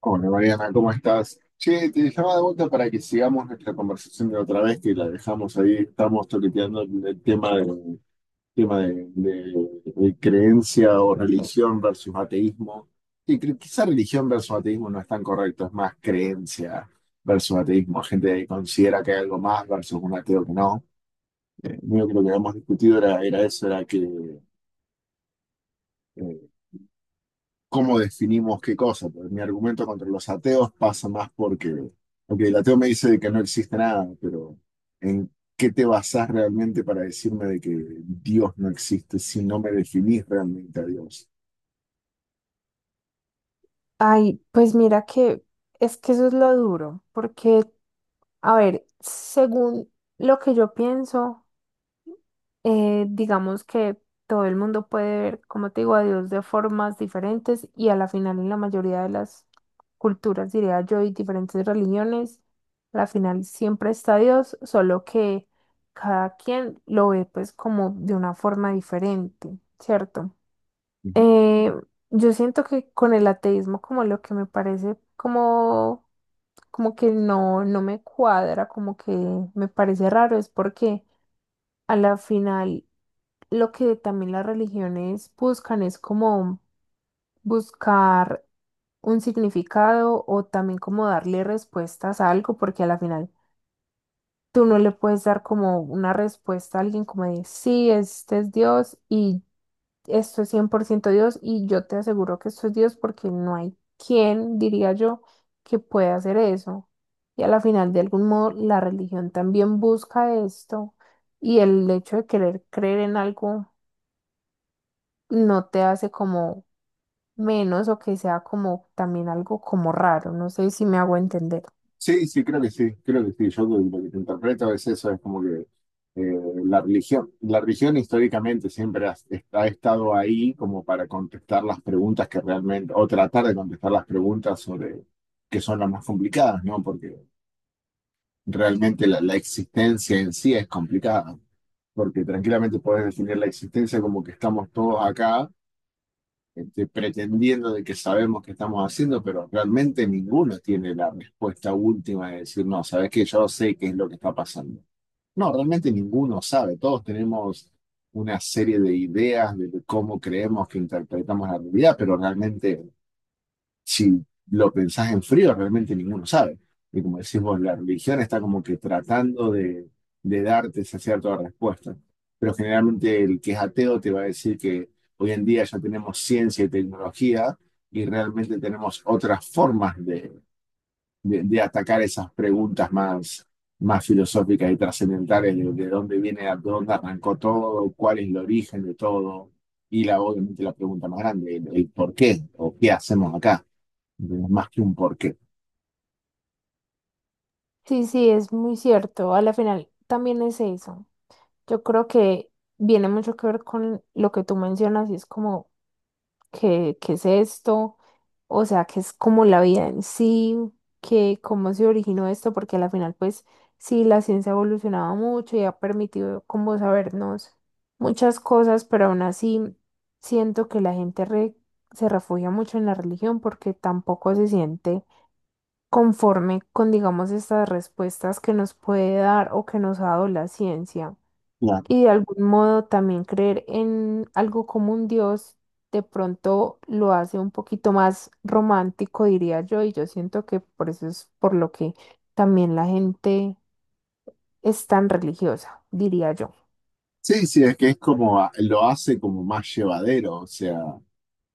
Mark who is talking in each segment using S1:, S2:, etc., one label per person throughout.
S1: Hola Mariana, ¿cómo estás? Che, te llamaba de vuelta para que sigamos nuestra conversación de otra vez, que la dejamos ahí, estamos toqueteando el tema de creencia o religión versus ateísmo. Y quizá religión versus ateísmo no es tan correcto, es más creencia versus ateísmo, gente que considera que hay algo más versus un ateo que no. Yo creo que lo que habíamos discutido era eso, era que, eh, cómo definimos qué cosa. Pues, mi argumento contra los ateos pasa más porque, ok, el ateo me dice de que no existe nada, pero ¿en qué te basás realmente para decirme de que Dios no existe si no me definís realmente a Dios?
S2: Ay, pues mira que es que eso es lo duro, porque, a ver, según lo que yo pienso, digamos que todo el mundo puede ver, como te digo, a Dios de formas diferentes y a la final en la mayoría de las culturas, diría yo, y diferentes religiones, a la final siempre está Dios, solo que cada quien lo ve pues como de una forma diferente, ¿cierto?
S1: Ujú.
S2: Eh, yo siento que con el ateísmo como lo que me parece como, como que no me cuadra, como que me parece raro, es porque a la final lo que también las religiones buscan es como buscar un significado o también como darle respuestas a algo, porque a la final tú no le puedes dar como una respuesta a alguien como de sí, este es Dios y esto es 100% Dios y yo te aseguro que esto es Dios porque no hay quien, diría yo, que pueda hacer eso. Y a la final, de algún modo, la religión también busca esto y el hecho de querer creer en algo no te hace como menos o que sea como también algo como raro. No sé si me hago entender.
S1: Sí, sí, creo que sí, creo que sí. Yo lo que te interpreto es eso, es como que la religión históricamente siempre ha estado ahí como para contestar las preguntas que realmente, o tratar de contestar las preguntas sobre que son las más complicadas, ¿no? Porque realmente la existencia en sí es complicada, porque tranquilamente puedes definir la existencia como que estamos todos acá, este, pretendiendo de que sabemos qué estamos haciendo, pero realmente ninguno tiene la respuesta última de decir, no, sabes que yo sé qué es lo que está pasando. No, realmente ninguno sabe, todos tenemos una serie de ideas de cómo creemos que interpretamos la realidad, pero realmente si lo pensás en frío, realmente ninguno sabe. Y como decimos, la religión está como que tratando de darte esa cierta respuesta. Pero generalmente el que es ateo te va a decir que hoy en día ya tenemos ciencia y tecnología y realmente tenemos otras formas de atacar esas preguntas más filosóficas y trascendentales de dónde viene, de dónde arrancó todo, cuál es el origen de todo. Y obviamente la pregunta más grande, el por qué o qué hacemos acá más que un porqué.
S2: Sí, sí, es muy cierto. A la final también es eso. Yo creo que viene mucho que ver con lo que tú mencionas y es como qué, qué es esto, o sea, qué es como la vida en sí, que cómo se originó esto, porque al final, pues, sí, la ciencia ha evolucionado mucho y ha permitido como sabernos muchas cosas, pero aún así siento que la gente se refugia mucho en la religión porque tampoco se siente conforme con, digamos, estas respuestas que nos puede dar o que nos ha dado la ciencia.
S1: Claro.
S2: Y de algún modo también creer en algo como un Dios de pronto lo hace un poquito más romántico, diría yo, y yo siento que por eso es por lo que también la gente es tan religiosa, diría yo.
S1: Sí, sí, es que es como, lo hace como más llevadero, o sea,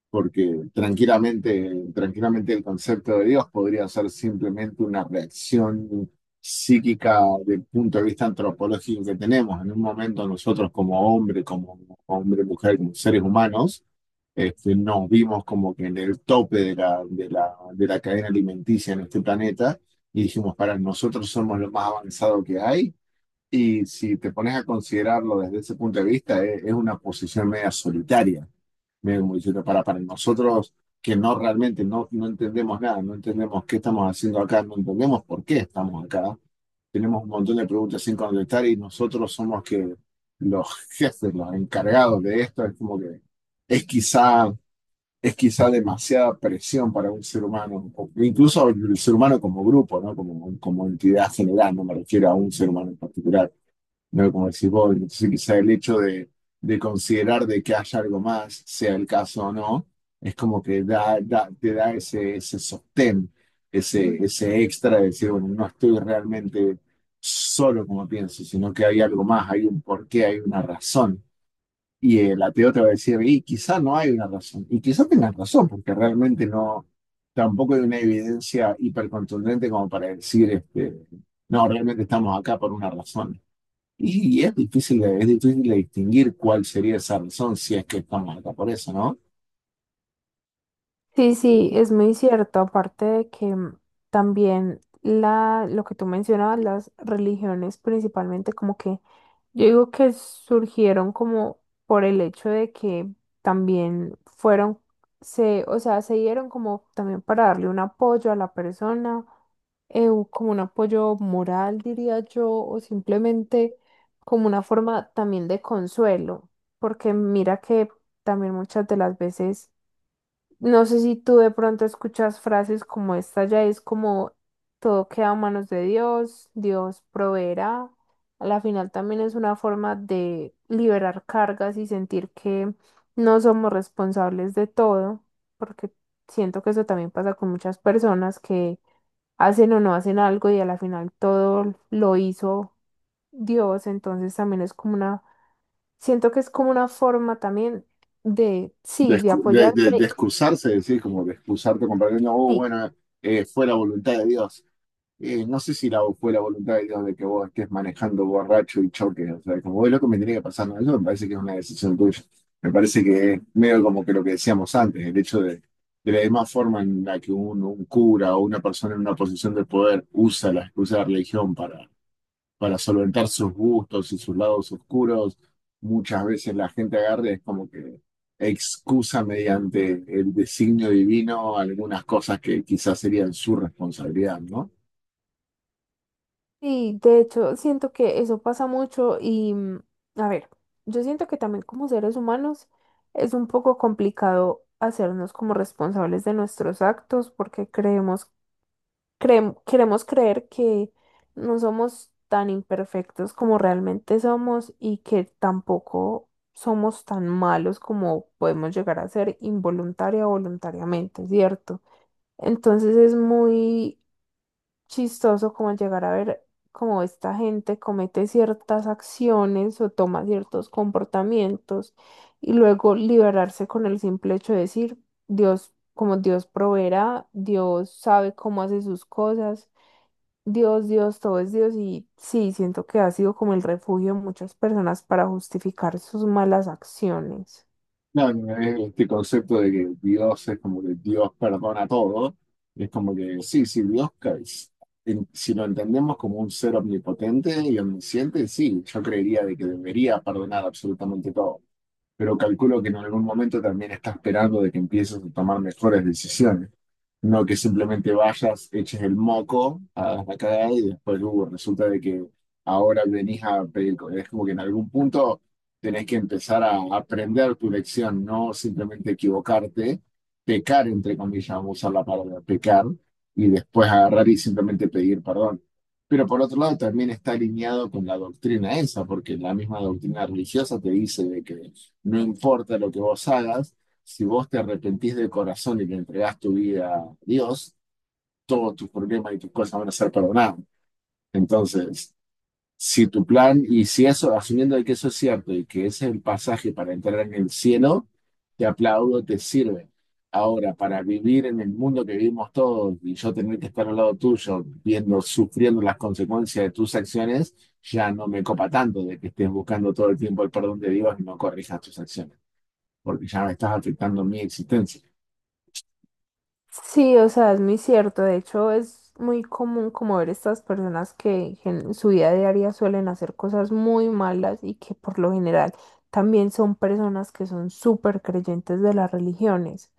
S1: porque tranquilamente el concepto de Dios podría ser simplemente una reacción psíquica del punto de vista antropológico que tenemos. En un momento nosotros como hombre, mujer, como seres humanos, nos vimos como que en el tope de la cadena alimenticia en este planeta y dijimos, para, nosotros somos lo más avanzado que hay. Y si te pones a considerarlo desde ese punto de vista, es, una posición media solitaria, medio como diciendo, para nosotros que no realmente no entendemos nada, no entendemos qué estamos haciendo acá, no entendemos por qué estamos acá. Tenemos un montón de preguntas sin contestar y nosotros somos que los jefes, los encargados de esto, es como que es quizá, es quizá demasiada presión para un ser humano, o incluso el ser humano como grupo, ¿no? Como, como entidad general, no me refiero a un ser humano en particular no, como decís vos, entonces quizá el hecho de considerar de que haya algo más, sea el caso o no, es como que te da ese sostén, ese extra de decir, bueno, no estoy realmente solo como pienso, sino que hay algo más, hay un porqué, hay una razón. Y el ateo te va a decir, y quizá no hay una razón, y quizá tengas razón, porque realmente no, tampoco hay una evidencia hipercontundente como para decir, no, realmente estamos acá por una razón. Y es difícil de distinguir cuál sería esa razón, si es que estamos acá por eso, ¿no?
S2: Sí, sí, es muy cierto, aparte de que también la, lo que tú mencionabas, las religiones principalmente, como que yo digo que surgieron como por el hecho de que también fueron, se, o sea, se dieron como también para darle un apoyo a la persona, como un apoyo moral, diría yo, o simplemente como una forma también de consuelo, porque mira que también muchas de las veces no sé si tú de pronto escuchas frases como esta, ya es como todo queda a manos de Dios, Dios proveerá. A la final también es una forma de liberar cargas y sentir que no somos responsables de todo, porque siento que eso también pasa con muchas personas que hacen o no hacen algo y a la final todo lo hizo Dios, entonces también es como una, siento que es como una forma también de,
S1: De,
S2: sí, de
S1: excu- de, de-
S2: apoyarse,
S1: de excusarse, es decir, como de excusarte con perdón, no, oh,
S2: sí.
S1: bueno, fue la voluntad de Dios. No sé si fue la voluntad de Dios de que vos estés manejando borracho y choques, o sea, como es lo que me tenía que pasar, ¿no? Eso me parece que es una decisión tuya. Me parece que es medio como que lo que decíamos antes, el hecho de la misma forma en la que un cura o una persona en una posición de poder usa la excusa de la religión para solventar sus gustos y sus lados oscuros. Muchas veces la gente agarra y es como que excusa mediante el designio divino algunas cosas que quizás serían su responsabilidad, ¿no?
S2: Sí, de hecho, siento que eso pasa mucho y, a ver, yo siento que también como seres humanos es un poco complicado hacernos como responsables de nuestros actos porque creemos, queremos creer que no somos tan imperfectos como realmente somos y que tampoco somos tan malos como podemos llegar a ser involuntaria o voluntariamente, ¿cierto? Entonces es muy chistoso como el llegar a ver cómo esta gente comete ciertas acciones o toma ciertos comportamientos y luego liberarse con el simple hecho de decir, Dios, como Dios proveerá, Dios sabe cómo hace sus cosas, Dios, Dios, todo es Dios y sí, siento que ha sido como el refugio de muchas personas para justificar sus malas acciones.
S1: Claro, es este concepto de que Dios es como que Dios perdona todo, es como que sí, sí, Dios, si lo entendemos como un ser omnipotente y omnisciente, sí, yo creería de que debería perdonar absolutamente todo. Pero calculo que en algún momento también está esperando de que empieces a tomar mejores decisiones. No que simplemente vayas, eches el moco, hagas la cagada y después resulta de que ahora venís a pedir. Es como que en algún punto tenés que empezar a aprender tu lección, no simplemente equivocarte, pecar, entre comillas, vamos a usar la palabra pecar, y después agarrar y simplemente pedir perdón. Pero por otro lado también está alineado con la doctrina esa, porque la misma doctrina religiosa te dice de que no importa lo que vos hagas si vos te arrepentís de corazón y le entregás tu vida a Dios, todos tus problemas y tus cosas van a ser perdonados. Entonces, y si eso, asumiendo de que eso es cierto y que ese es el pasaje para entrar en el cielo, te aplaudo, te sirve. Ahora, para vivir en el mundo que vivimos todos y yo tener que estar al lado tuyo, viendo, sufriendo las consecuencias de tus acciones, ya no me copa tanto de que estés buscando todo el tiempo el perdón de Dios y no corrijas tus acciones, porque ya me estás afectando mi existencia.
S2: Sí, o sea, es muy cierto. De hecho, es muy común como ver estas personas que en su vida diaria suelen hacer cosas muy malas y que por lo general también son personas que son súper creyentes de las religiones.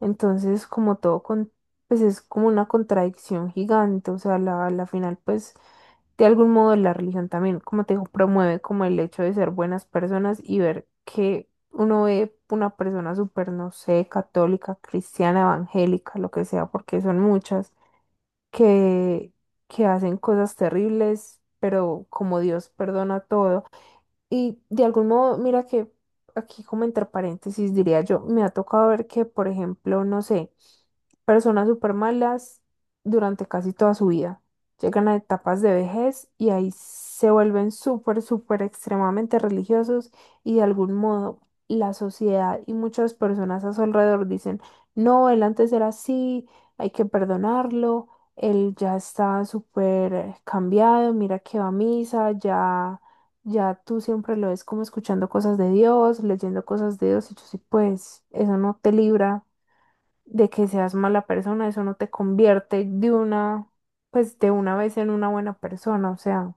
S2: Entonces, como todo, con, pues es como una contradicción gigante. O sea, la final, pues de algún modo la religión también, como te digo, promueve como el hecho de ser buenas personas y ver que uno ve una persona súper, no sé, católica, cristiana, evangélica, lo que sea, porque son muchas, que, que hacen cosas terribles, pero como Dios perdona todo y de algún modo, mira que aquí como entre paréntesis diría yo, me ha tocado ver que, por ejemplo, no sé, personas súper malas durante casi toda su vida llegan a etapas de vejez y ahí se vuelven súper, súper extremadamente religiosos y de algún modo la sociedad y muchas personas a su alrededor dicen, no, él antes era así, hay que perdonarlo, él ya está súper cambiado, mira que va a misa, ya tú siempre lo ves como escuchando cosas de Dios, leyendo cosas de Dios, y yo sí, pues eso no te libra de que seas mala persona, eso no te convierte de una, pues de una vez en una buena persona, o sea,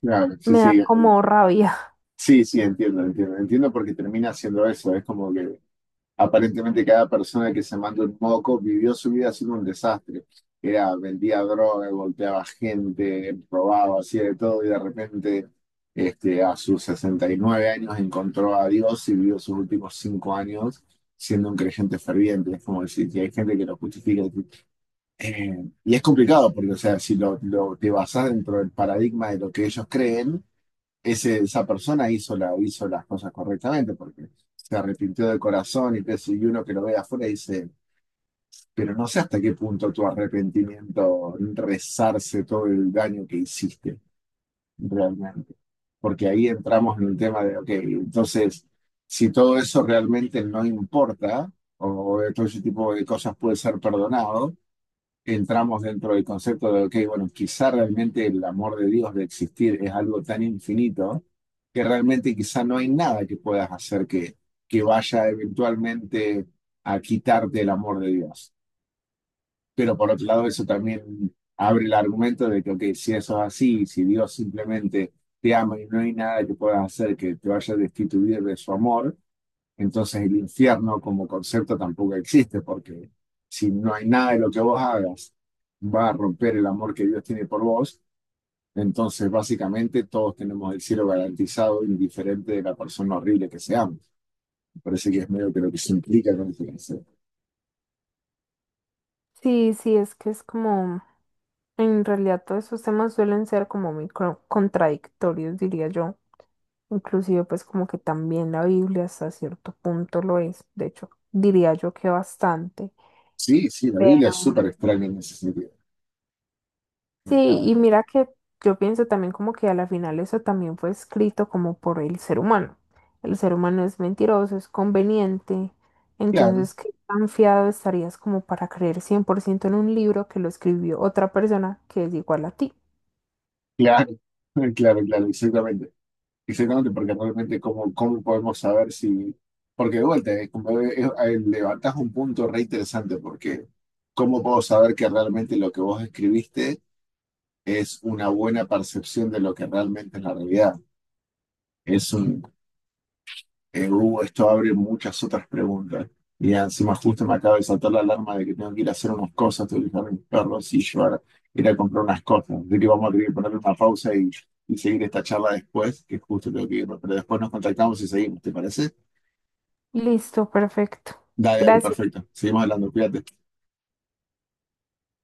S1: Claro, sí,
S2: me
S1: sí,
S2: da como rabia.
S1: sí, sí, entiendo, entiendo, entiendo porque termina haciendo eso, es como que aparentemente cada persona que se mandó un moco vivió su vida siendo un desastre, vendía droga, golpeaba gente, probaba, hacía de todo y de repente a sus 69 años encontró a Dios y vivió sus últimos 5 años siendo un creyente ferviente, es como decir, que hay gente que lo justifica, eh, y es complicado porque, o sea, si te basas dentro del paradigma de lo que ellos creen, esa persona hizo, hizo las cosas correctamente porque se arrepintió de corazón y uno que lo ve de afuera dice, pero no sé hasta qué punto tu arrepentimiento resarce todo el daño que hiciste realmente. Porque ahí entramos en un tema de, ok, entonces, si todo eso realmente no importa, o todo ese tipo de cosas puede ser perdonado, entramos dentro del concepto de, ok, bueno, quizá realmente el amor de Dios de existir es algo tan infinito que realmente quizá no hay nada que puedas hacer que vaya eventualmente a quitarte el amor de Dios. Pero por otro lado, eso también abre el argumento de que, ok, si eso es así, si Dios simplemente te ama y no hay nada que puedas hacer que te vaya a destituir de su amor, entonces el infierno como concepto tampoco existe, porque si no hay nada de lo que vos hagas va a romper el amor que Dios tiene por vos, entonces básicamente todos tenemos el cielo garantizado, indiferente de la persona horrible que seamos. Me parece que es medio que lo que se implica con este concepto.
S2: Sí, sí, es que es como, en realidad todos esos temas suelen ser como muy contradictorios, diría yo. Inclusive pues como que también la Biblia hasta cierto punto lo es, de hecho, diría yo que bastante.
S1: Sí, sí, la Biblia
S2: Pero
S1: es súper extraña en ese sentido.
S2: sí,
S1: Claro,
S2: y mira que yo pienso también como que a la final eso también fue escrito como por el ser humano. El ser humano es mentiroso, es conveniente.
S1: claro,
S2: Entonces, ¿qué tan fiado estarías como para creer 100% en un libro que lo escribió otra persona que es igual a ti?
S1: claro, claro, exactamente. Exactamente, porque realmente cómo podemos saber si... Porque de vuelta, es como- es- levantas un punto re interesante, porque ¿cómo puedo saber que realmente lo que vos escribiste es una buena percepción de lo que realmente es la realidad? Es un... Esto abre muchas otras preguntas. Y encima justo me acaba de saltar la alarma de que tengo que ir a hacer unas cosas, tengo que dejar a mis perros ir a comprar unas cosas. Así que vamos a tener que poner una pausa y seguir esta charla después, que justo tengo que irme, pero después nos contactamos y seguimos, ¿te parece?
S2: Listo, perfecto.
S1: Dale, dale,
S2: Gracias.
S1: perfecto. Seguimos hablando, cuídate.